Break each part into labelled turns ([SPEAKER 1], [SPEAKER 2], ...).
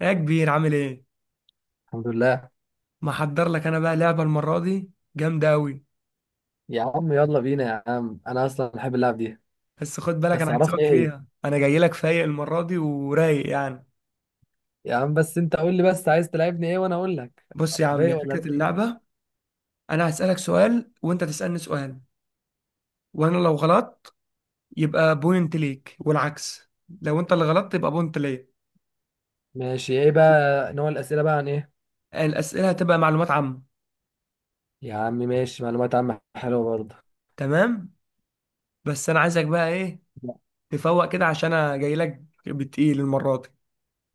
[SPEAKER 1] يا كبير عامل ايه.
[SPEAKER 2] الحمد لله.
[SPEAKER 1] محضر لك انا بقى لعبه المره دي جامده قوي.
[SPEAKER 2] يا عم يلا بينا يا عم، انا اصلا بحب اللعب دي.
[SPEAKER 1] بس خد بالك
[SPEAKER 2] بس
[SPEAKER 1] انا
[SPEAKER 2] عرفني
[SPEAKER 1] هكسبك
[SPEAKER 2] ايه هي.
[SPEAKER 1] فيها، انا جاي لك فايق المره دي ورايق يعني.
[SPEAKER 2] يا عم بس انت قول لي، بس عايز تلعبني ايه وانا اقول لك.
[SPEAKER 1] بص يا عم
[SPEAKER 2] رايق
[SPEAKER 1] هي
[SPEAKER 2] ولا
[SPEAKER 1] فكره
[SPEAKER 2] رايق؟
[SPEAKER 1] اللعبه، انا هسالك سؤال وانت تسالني سؤال، وانا لو غلطت يبقى بوينت ليك والعكس، لو انت اللي غلطت يبقى بوينت ليا.
[SPEAKER 2] ماشي، ايه بقى نوع الاسئله بقى؟ عن ايه؟
[SPEAKER 1] الاسئله هتبقى معلومات عامه.
[SPEAKER 2] يا عم ماشي، معلومات عامه حلوه برضه.
[SPEAKER 1] تمام. بس انا عايزك بقى ايه، تفوق كده عشان انا جاي لك بتقيل المره دي.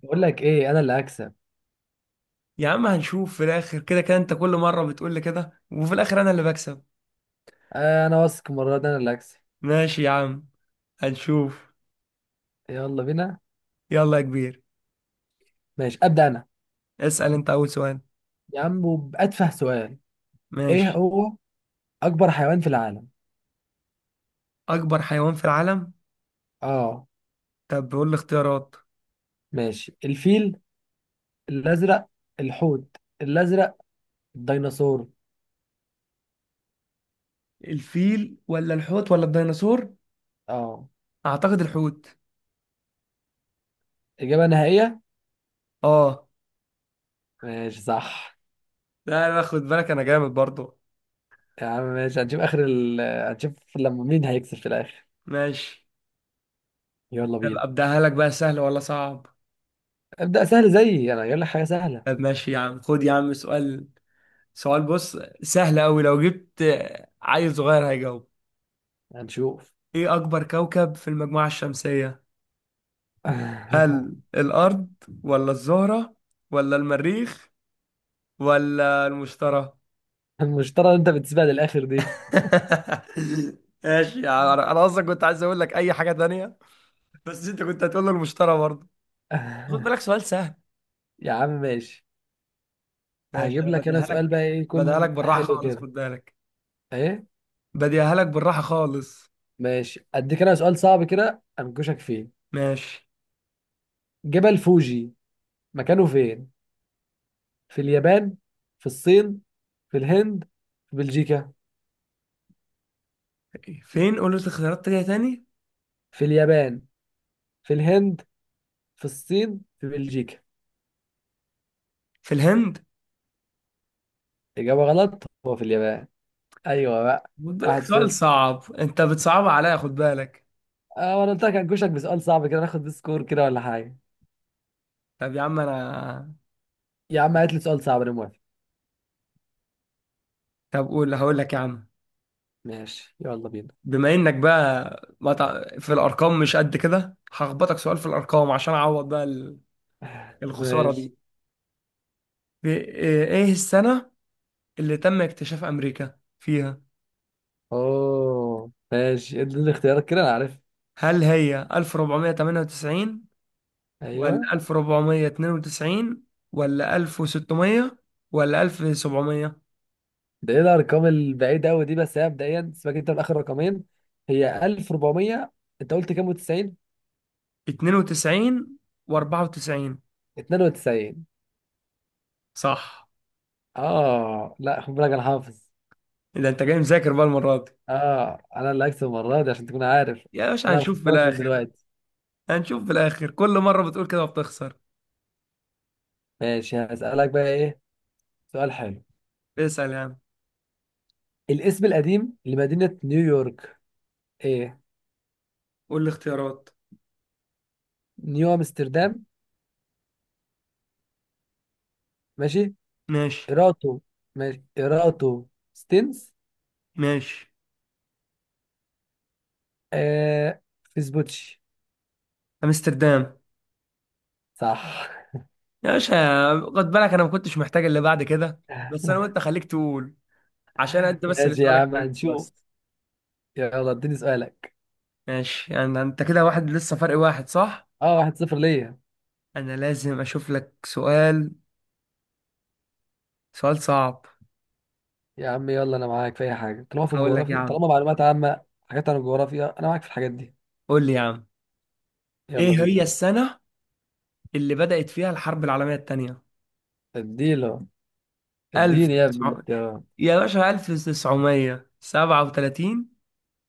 [SPEAKER 2] بقول لك ايه، انا اللي هكسب.
[SPEAKER 1] يا عم هنشوف في الاخر، كده كده انت كل مره بتقول لي كده وفي الاخر انا اللي بكسب.
[SPEAKER 2] آه، انا واثق المره دي انا اللي هكسب.
[SPEAKER 1] ماشي يا عم، هنشوف.
[SPEAKER 2] يلا بينا.
[SPEAKER 1] يلا يا كبير،
[SPEAKER 2] ماشي ابدا انا.
[SPEAKER 1] اسأل انت اول سؤال.
[SPEAKER 2] يا عم وباتفه سؤال. ايه
[SPEAKER 1] ماشي.
[SPEAKER 2] هو؟ اكبر حيوان في العالم.
[SPEAKER 1] اكبر حيوان في العالم؟
[SPEAKER 2] اه.
[SPEAKER 1] طب بقول لي اختيارات.
[SPEAKER 2] ماشي، الفيل الازرق، الحوت الازرق، الديناصور.
[SPEAKER 1] الفيل ولا الحوت ولا الديناصور؟
[SPEAKER 2] اه.
[SPEAKER 1] اعتقد الحوت.
[SPEAKER 2] إجابة نهائية؟
[SPEAKER 1] اه.
[SPEAKER 2] ماشي صح.
[SPEAKER 1] لا لا خد بالك انا جامد برضو.
[SPEAKER 2] يا عم ماشي، هنشوف آخر هنشوف لما مين هيكسب في الآخر.
[SPEAKER 1] ماشي.
[SPEAKER 2] يلا
[SPEAKER 1] طب
[SPEAKER 2] بينا.
[SPEAKER 1] ابداها لك بقى سهل ولا صعب؟
[SPEAKER 2] ابدأ سهل زيي أنا، يقول لك حاجة سهلة.
[SPEAKER 1] طب ماشي يا عم، خد يا عم سؤال. سؤال بص سهل قوي، لو جبت عيل صغير هيجاوب.
[SPEAKER 2] هنشوف.
[SPEAKER 1] ايه اكبر كوكب في المجموعة الشمسية؟ هل الارض ولا الزهرة ولا المريخ ولا المشترى؟
[SPEAKER 2] المشترى اللي أنت بتسيبها للآخر دي.
[SPEAKER 1] ماشي، يعني انا اصلا كنت عايز اقول لك اي حاجه تانية، بس انت كنت هتقول له المشترى برضه. خد بالك سؤال سهل.
[SPEAKER 2] يا عم ماشي.
[SPEAKER 1] ماشي
[SPEAKER 2] هجيب
[SPEAKER 1] انا
[SPEAKER 2] لك أنا
[SPEAKER 1] بديها
[SPEAKER 2] سؤال
[SPEAKER 1] لك.
[SPEAKER 2] بقى، إيه
[SPEAKER 1] بديها لك
[SPEAKER 2] يكون
[SPEAKER 1] بالراحه
[SPEAKER 2] حلو
[SPEAKER 1] خالص
[SPEAKER 2] كده.
[SPEAKER 1] خد بالك.
[SPEAKER 2] إيه؟
[SPEAKER 1] بديها لك بالراحه خالص.
[SPEAKER 2] ماشي أديك أنا سؤال صعب كده أنكشك فيه.
[SPEAKER 1] ماشي.
[SPEAKER 2] جبل فوجي مكانه فين؟ في اليابان؟ في الصين؟ في الهند؟ في بلجيكا؟
[SPEAKER 1] فين؟ قول لي اختيارات تانية تاني.
[SPEAKER 2] في اليابان، في الهند، في الصين، في بلجيكا.
[SPEAKER 1] في الهند.
[SPEAKER 2] إجابة غلط، هو في اليابان. أيوة بقى.
[SPEAKER 1] خد بالك
[SPEAKER 2] واحد
[SPEAKER 1] سؤال
[SPEAKER 2] صفر.
[SPEAKER 1] صعب، انت بتصعبها عليا خد بالك.
[SPEAKER 2] أه، وأنا قلت لك هنكشك بسؤال صعب كده، ناخد سكور كده ولا حاجة.
[SPEAKER 1] طب يا عم انا،
[SPEAKER 2] يا عم هات لي سؤال صعب، أنا موافق.
[SPEAKER 1] طب قول هقول لك يا عم.
[SPEAKER 2] ماشي يلا بينا.
[SPEAKER 1] بما انك بقى ما تع- في الارقام مش قد كده، هخبطك سؤال في الارقام عشان اعوض بقى الخسارة
[SPEAKER 2] ماشي.
[SPEAKER 1] دي. إيه السنة اللي تم اكتشاف أمريكا فيها؟
[SPEAKER 2] أوه ماشي، ادي الاختيارات كده أنا عارف.
[SPEAKER 1] هل هي 1498
[SPEAKER 2] أيوة.
[SPEAKER 1] ولا 1492 ولا 1600 ولا
[SPEAKER 2] ده إيه الأرقام البعيدة أوي دي، بس هي مبدئيا سيبك أنت من آخر رقمين. هي 1400. أنت قلت كام و90؟
[SPEAKER 1] 1792 و94؟
[SPEAKER 2] 92.
[SPEAKER 1] صح.
[SPEAKER 2] أه، لا خد بالك أنا حافظ.
[SPEAKER 1] إذا أنت جاي مذاكر بقى المرة دي.
[SPEAKER 2] أه أنا اللي هكسب المرة دي عشان تكون عارف.
[SPEAKER 1] يا باشا
[SPEAKER 2] أنا
[SPEAKER 1] هنشوف في
[SPEAKER 2] بفكرك من
[SPEAKER 1] الآخر.
[SPEAKER 2] دلوقتي.
[SPEAKER 1] هنشوف في الآخر، كل مرة بتقول كده وبتخسر.
[SPEAKER 2] ماشي هسألك بقى ايه. سؤال حلو.
[SPEAKER 1] اسأل يا عم.
[SPEAKER 2] الاسم القديم لمدينة نيويورك. ايه؟
[SPEAKER 1] قول لي اختيارات.
[SPEAKER 2] نيو امستردام. ماشي.
[SPEAKER 1] ماشي.
[SPEAKER 2] ايراتو. ماشي ايراتو. ستينز.
[SPEAKER 1] ماشي.
[SPEAKER 2] آه. فيسبوتشي.
[SPEAKER 1] أمستردام.
[SPEAKER 2] صح.
[SPEAKER 1] يا باشا خد بالك انا ما كنتش محتاج اللي بعد كده. بس انا وانت خليك تقول، عشان انت بس اللي
[SPEAKER 2] ماشي يا
[SPEAKER 1] سؤالك
[SPEAKER 2] عم
[SPEAKER 1] كده
[SPEAKER 2] هنشوف.
[SPEAKER 1] بس.
[SPEAKER 2] يلا اديني سؤالك.
[SPEAKER 1] ماشي، يعني انت كده واحد لسه، فرق واحد صح.
[SPEAKER 2] اه واحد صفر ليا.
[SPEAKER 1] انا لازم اشوف لك سؤال، سؤال صعب.
[SPEAKER 2] يا عم يلا، انا معاك في اي حاجة، طالما في
[SPEAKER 1] هقول لك يا
[SPEAKER 2] الجغرافيا،
[SPEAKER 1] عم.
[SPEAKER 2] طالما معلومات عامة حاجات عن الجغرافيا انا معاك في الحاجات دي.
[SPEAKER 1] قول لي يا عم. ايه
[SPEAKER 2] يلا
[SPEAKER 1] هي
[SPEAKER 2] بينا.
[SPEAKER 1] السنة اللي بدأت فيها الحرب العالمية التانية؟
[SPEAKER 2] اديله. اديني يا ابني
[SPEAKER 1] 1900
[SPEAKER 2] الاختيارات.
[SPEAKER 1] يا باشا، 1937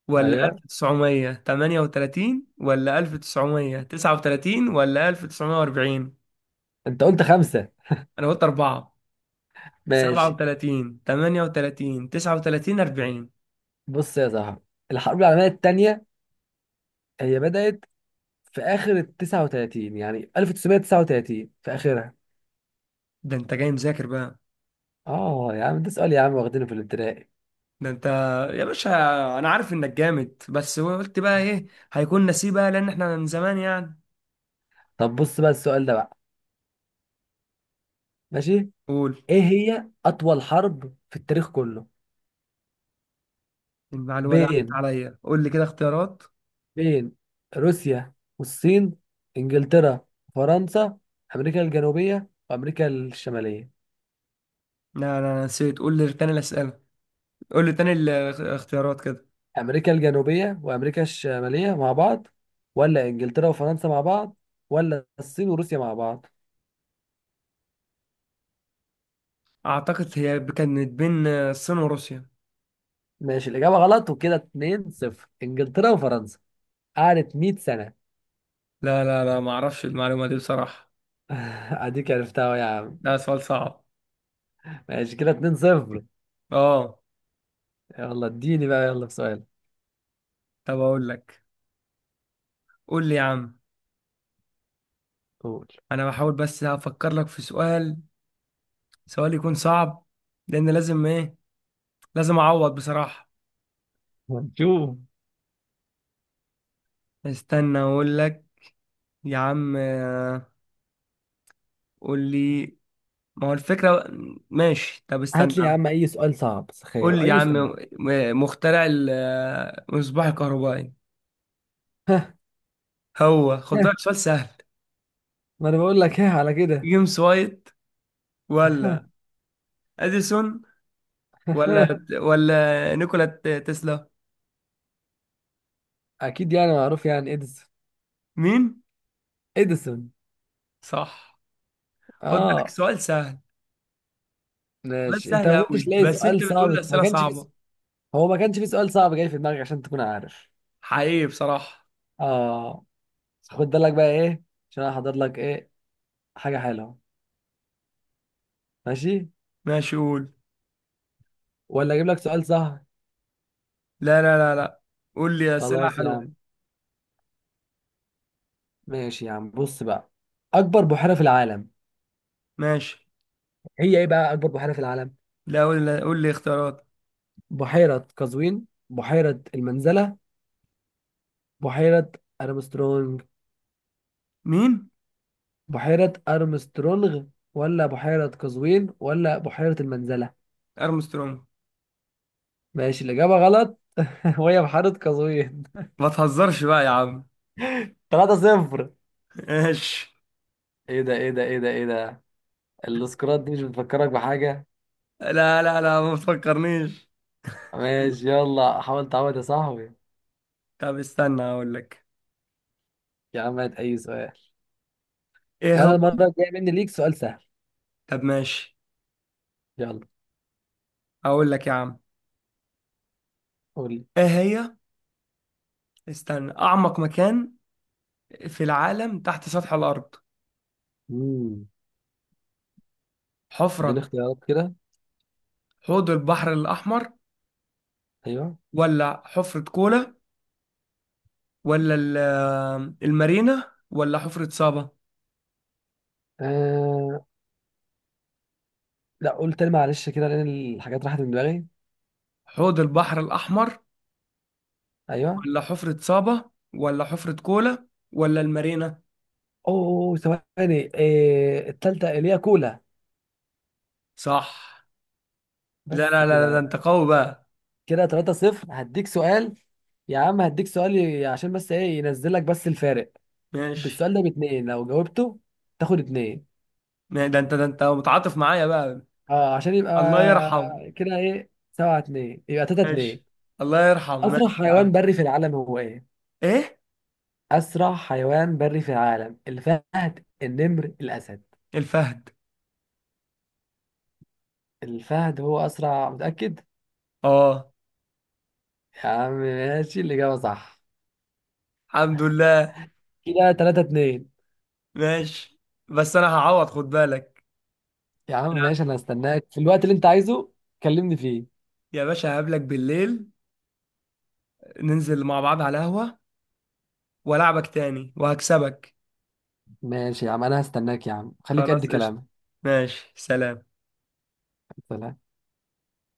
[SPEAKER 1] ولا
[SPEAKER 2] ايوه.
[SPEAKER 1] 1938 ولا 1939 ولا 1940؟
[SPEAKER 2] انت قلت خمسة.
[SPEAKER 1] انا قلت أربعة، سبعة
[SPEAKER 2] ماشي.
[SPEAKER 1] وتلاتين، تمانية وتلاتين، تسعة وتلاتين، أربعين.
[SPEAKER 2] بص يا صاحبي، الحرب العالمية التانية هي بدأت في آخر ال 39، يعني 1939 في آخرها.
[SPEAKER 1] ده أنت جاي مذاكر بقى.
[SPEAKER 2] اه يا عم، ده سؤال يا عم واخدينه في الابتدائي.
[SPEAKER 1] ده أنت يا باشا، أنا عارف إنك جامد، بس قلت بقى إيه، هيكون نسيب بقى لأن إحنا من زمان يعني.
[SPEAKER 2] طب بص بقى السؤال ده بقى. ماشي.
[SPEAKER 1] قول.
[SPEAKER 2] ايه هي أطول حرب في التاريخ كله؟
[SPEAKER 1] المعلومة دي عدت
[SPEAKER 2] بين
[SPEAKER 1] عليا، قول لي كده اختيارات.
[SPEAKER 2] بين روسيا والصين، إنجلترا فرنسا، أمريكا الجنوبية وأمريكا الشمالية.
[SPEAKER 1] لا، أنا نسيت، قول لي تاني الأسئلة. قول لي تاني الاختيارات كده.
[SPEAKER 2] أمريكا الجنوبية وأمريكا الشمالية مع بعض، ولا إنجلترا وفرنسا مع بعض، ولا الصين وروسيا مع بعض.
[SPEAKER 1] أعتقد هي كانت بين الصين وروسيا.
[SPEAKER 2] ماشي الإجابة غلط، وكده 2 0، إنجلترا وفرنسا. قعدت 100 سنة.
[SPEAKER 1] لا لا لا، ما أعرفش المعلومة دي بصراحة.
[SPEAKER 2] أديك عرفتها أهو يا عم.
[SPEAKER 1] ده سؤال صعب.
[SPEAKER 2] ماشي كده 2 0.
[SPEAKER 1] آه.
[SPEAKER 2] يلا اديني بقى، يلا في سؤال.
[SPEAKER 1] طب أقول لك. قول لي يا عم.
[SPEAKER 2] قول.
[SPEAKER 1] انا بحاول بس افكر لك في سؤال، سؤال يكون صعب، لان لازم ايه، لازم اعوض بصراحة.
[SPEAKER 2] هنشوف.
[SPEAKER 1] استنى اقول لك. يا عم قول لي. ما هو الفكرة. ماشي طب استنى
[SPEAKER 2] هات لي
[SPEAKER 1] يا
[SPEAKER 2] يا
[SPEAKER 1] عم.
[SPEAKER 2] عم أي سؤال صعب، تخيل
[SPEAKER 1] قول لي يا
[SPEAKER 2] أي
[SPEAKER 1] عم.
[SPEAKER 2] سؤال.
[SPEAKER 1] مخترع المصباح الكهربائي. هو خد بالك سؤال سهل.
[SPEAKER 2] ما أنا بقول لك إيه على كده.
[SPEAKER 1] جيمس وايت، ولا اديسون، ولا ولا نيكولا تسلا؟
[SPEAKER 2] أكيد يعني معروف، يعني إديسون.
[SPEAKER 1] مين؟
[SPEAKER 2] إديسون.
[SPEAKER 1] صح. خد بالك
[SPEAKER 2] آه.
[SPEAKER 1] سؤال سهل. سؤال
[SPEAKER 2] ماشي أنت
[SPEAKER 1] سهل
[SPEAKER 2] ما كنتش
[SPEAKER 1] قوي
[SPEAKER 2] لاقي
[SPEAKER 1] بس انت
[SPEAKER 2] سؤال
[SPEAKER 1] بتقول لي
[SPEAKER 2] صعب، ما
[SPEAKER 1] اسئله
[SPEAKER 2] كانش في.
[SPEAKER 1] صعبه.
[SPEAKER 2] هو ما كانش في سؤال صعب جاي في دماغك عشان تكون عارف.
[SPEAKER 1] حقيقي بصراحه.
[SPEAKER 2] آه. خد بالك بقى إيه، عشان أنا حاضر لك إيه، حاجة حلوة. ماشي.
[SPEAKER 1] ماشي قول.
[SPEAKER 2] ولا أجيب لك سؤال سهل؟
[SPEAKER 1] لا لا لا لا، قول لي أسئلة
[SPEAKER 2] خلاص يا
[SPEAKER 1] حلوة.
[SPEAKER 2] عم. ماشي يا عم بص بقى. أكبر بحيرة في العالم.
[SPEAKER 1] ماشي.
[SPEAKER 2] هي إيه بقى أكبر بحيرة في العالم؟
[SPEAKER 1] لا، قول لي اختيارات.
[SPEAKER 2] بحيرة قزوين، بحيرة المنزلة، بحيرة أرمسترونج.
[SPEAKER 1] مين؟
[SPEAKER 2] بحيرة أرمسترونغ، ولا بحيرة قزوين، ولا بحيرة المنزلة.
[SPEAKER 1] أرمسترونج.
[SPEAKER 2] ماشي الإجابة غلط، وهي بحيرة قزوين.
[SPEAKER 1] ما تهزرش بقى يا عم.
[SPEAKER 2] 3 صفر.
[SPEAKER 1] ماشي.
[SPEAKER 2] إيه ده، إيه ده، إيه ده، إيه ده. السكرات دي مش بتفكرك بحاجة.
[SPEAKER 1] لا لا لا، ما تفكرنيش.
[SPEAKER 2] ماشي يلا حاول تعود يا صاحبي.
[SPEAKER 1] طب استنى أقول لك.
[SPEAKER 2] يا عم هات أي سؤال،
[SPEAKER 1] إيه هو.
[SPEAKER 2] وانا المره الجايه مني ليك سؤال سهل.
[SPEAKER 1] طب ماشي.
[SPEAKER 2] يلا.
[SPEAKER 1] أقول لك يا عم.
[SPEAKER 2] قول لي.
[SPEAKER 1] إيه هي، استنى. أعمق مكان في العالم تحت سطح الأرض.
[SPEAKER 2] امم اديني
[SPEAKER 1] حفرة.
[SPEAKER 2] اختيارات كده.
[SPEAKER 1] حوض البحر الأحمر
[SPEAKER 2] ايوه.
[SPEAKER 1] ولا حفرة كولا ولا المارينا ولا حفرة صابا.
[SPEAKER 2] آه... لا قول تاني معلش كده، لان الحاجات راحت من دماغي.
[SPEAKER 1] حوض البحر الأحمر
[SPEAKER 2] ايوه.
[SPEAKER 1] ولا حفرة صابة ولا حفرة كولا ولا المارينا.
[SPEAKER 2] اوه ثواني، التالتة اللي هي كولا.
[SPEAKER 1] صح. لا
[SPEAKER 2] بس
[SPEAKER 1] لا لا لا،
[SPEAKER 2] كده
[SPEAKER 1] ده
[SPEAKER 2] بقى.
[SPEAKER 1] انت قوي بقى.
[SPEAKER 2] كده 3 0 هديك سؤال. يا عم هديك سؤال، عشان بس ايه ينزل لك بس الفارق
[SPEAKER 1] ماشي.
[SPEAKER 2] بالسؤال ده باتنين لو جاوبته تاخد اتنين.
[SPEAKER 1] ده انت، ده انت متعاطف معايا بقى.
[SPEAKER 2] اه عشان يبقى
[SPEAKER 1] الله يرحم.
[SPEAKER 2] كده، ايه سبعة اتنين يبقى تلاتة اتنين.
[SPEAKER 1] ماشي. الله يرحم
[SPEAKER 2] اسرع
[SPEAKER 1] ماشي يا عم.
[SPEAKER 2] حيوان بري في العالم هو ايه؟
[SPEAKER 1] ايه؟
[SPEAKER 2] أسرع حيوان بري في العالم، الفهد، النمر، الأسد.
[SPEAKER 1] الفهد.
[SPEAKER 2] الفهد هو أسرع، متأكد؟
[SPEAKER 1] اه.
[SPEAKER 2] يا عم ماشي، الإجابة صح.
[SPEAKER 1] الحمد لله.
[SPEAKER 2] كده تلاتة اتنين.
[SPEAKER 1] ماشي. بس انا هعوض خد بالك.
[SPEAKER 2] يا
[SPEAKER 1] انا
[SPEAKER 2] عم ماشي، أنا هستناك في الوقت اللي أنت عايزه، كلمني فيه.
[SPEAKER 1] يا باشا هقابلك بالليل، ننزل مع بعض على قهوة والعبك تاني وهكسبك.
[SPEAKER 2] ماشي يا عم أنا هستناك يا عم، خليك قد
[SPEAKER 1] خلاص قشطة.
[SPEAKER 2] كلامك.
[SPEAKER 1] ماشي سلام.
[SPEAKER 2] سلام.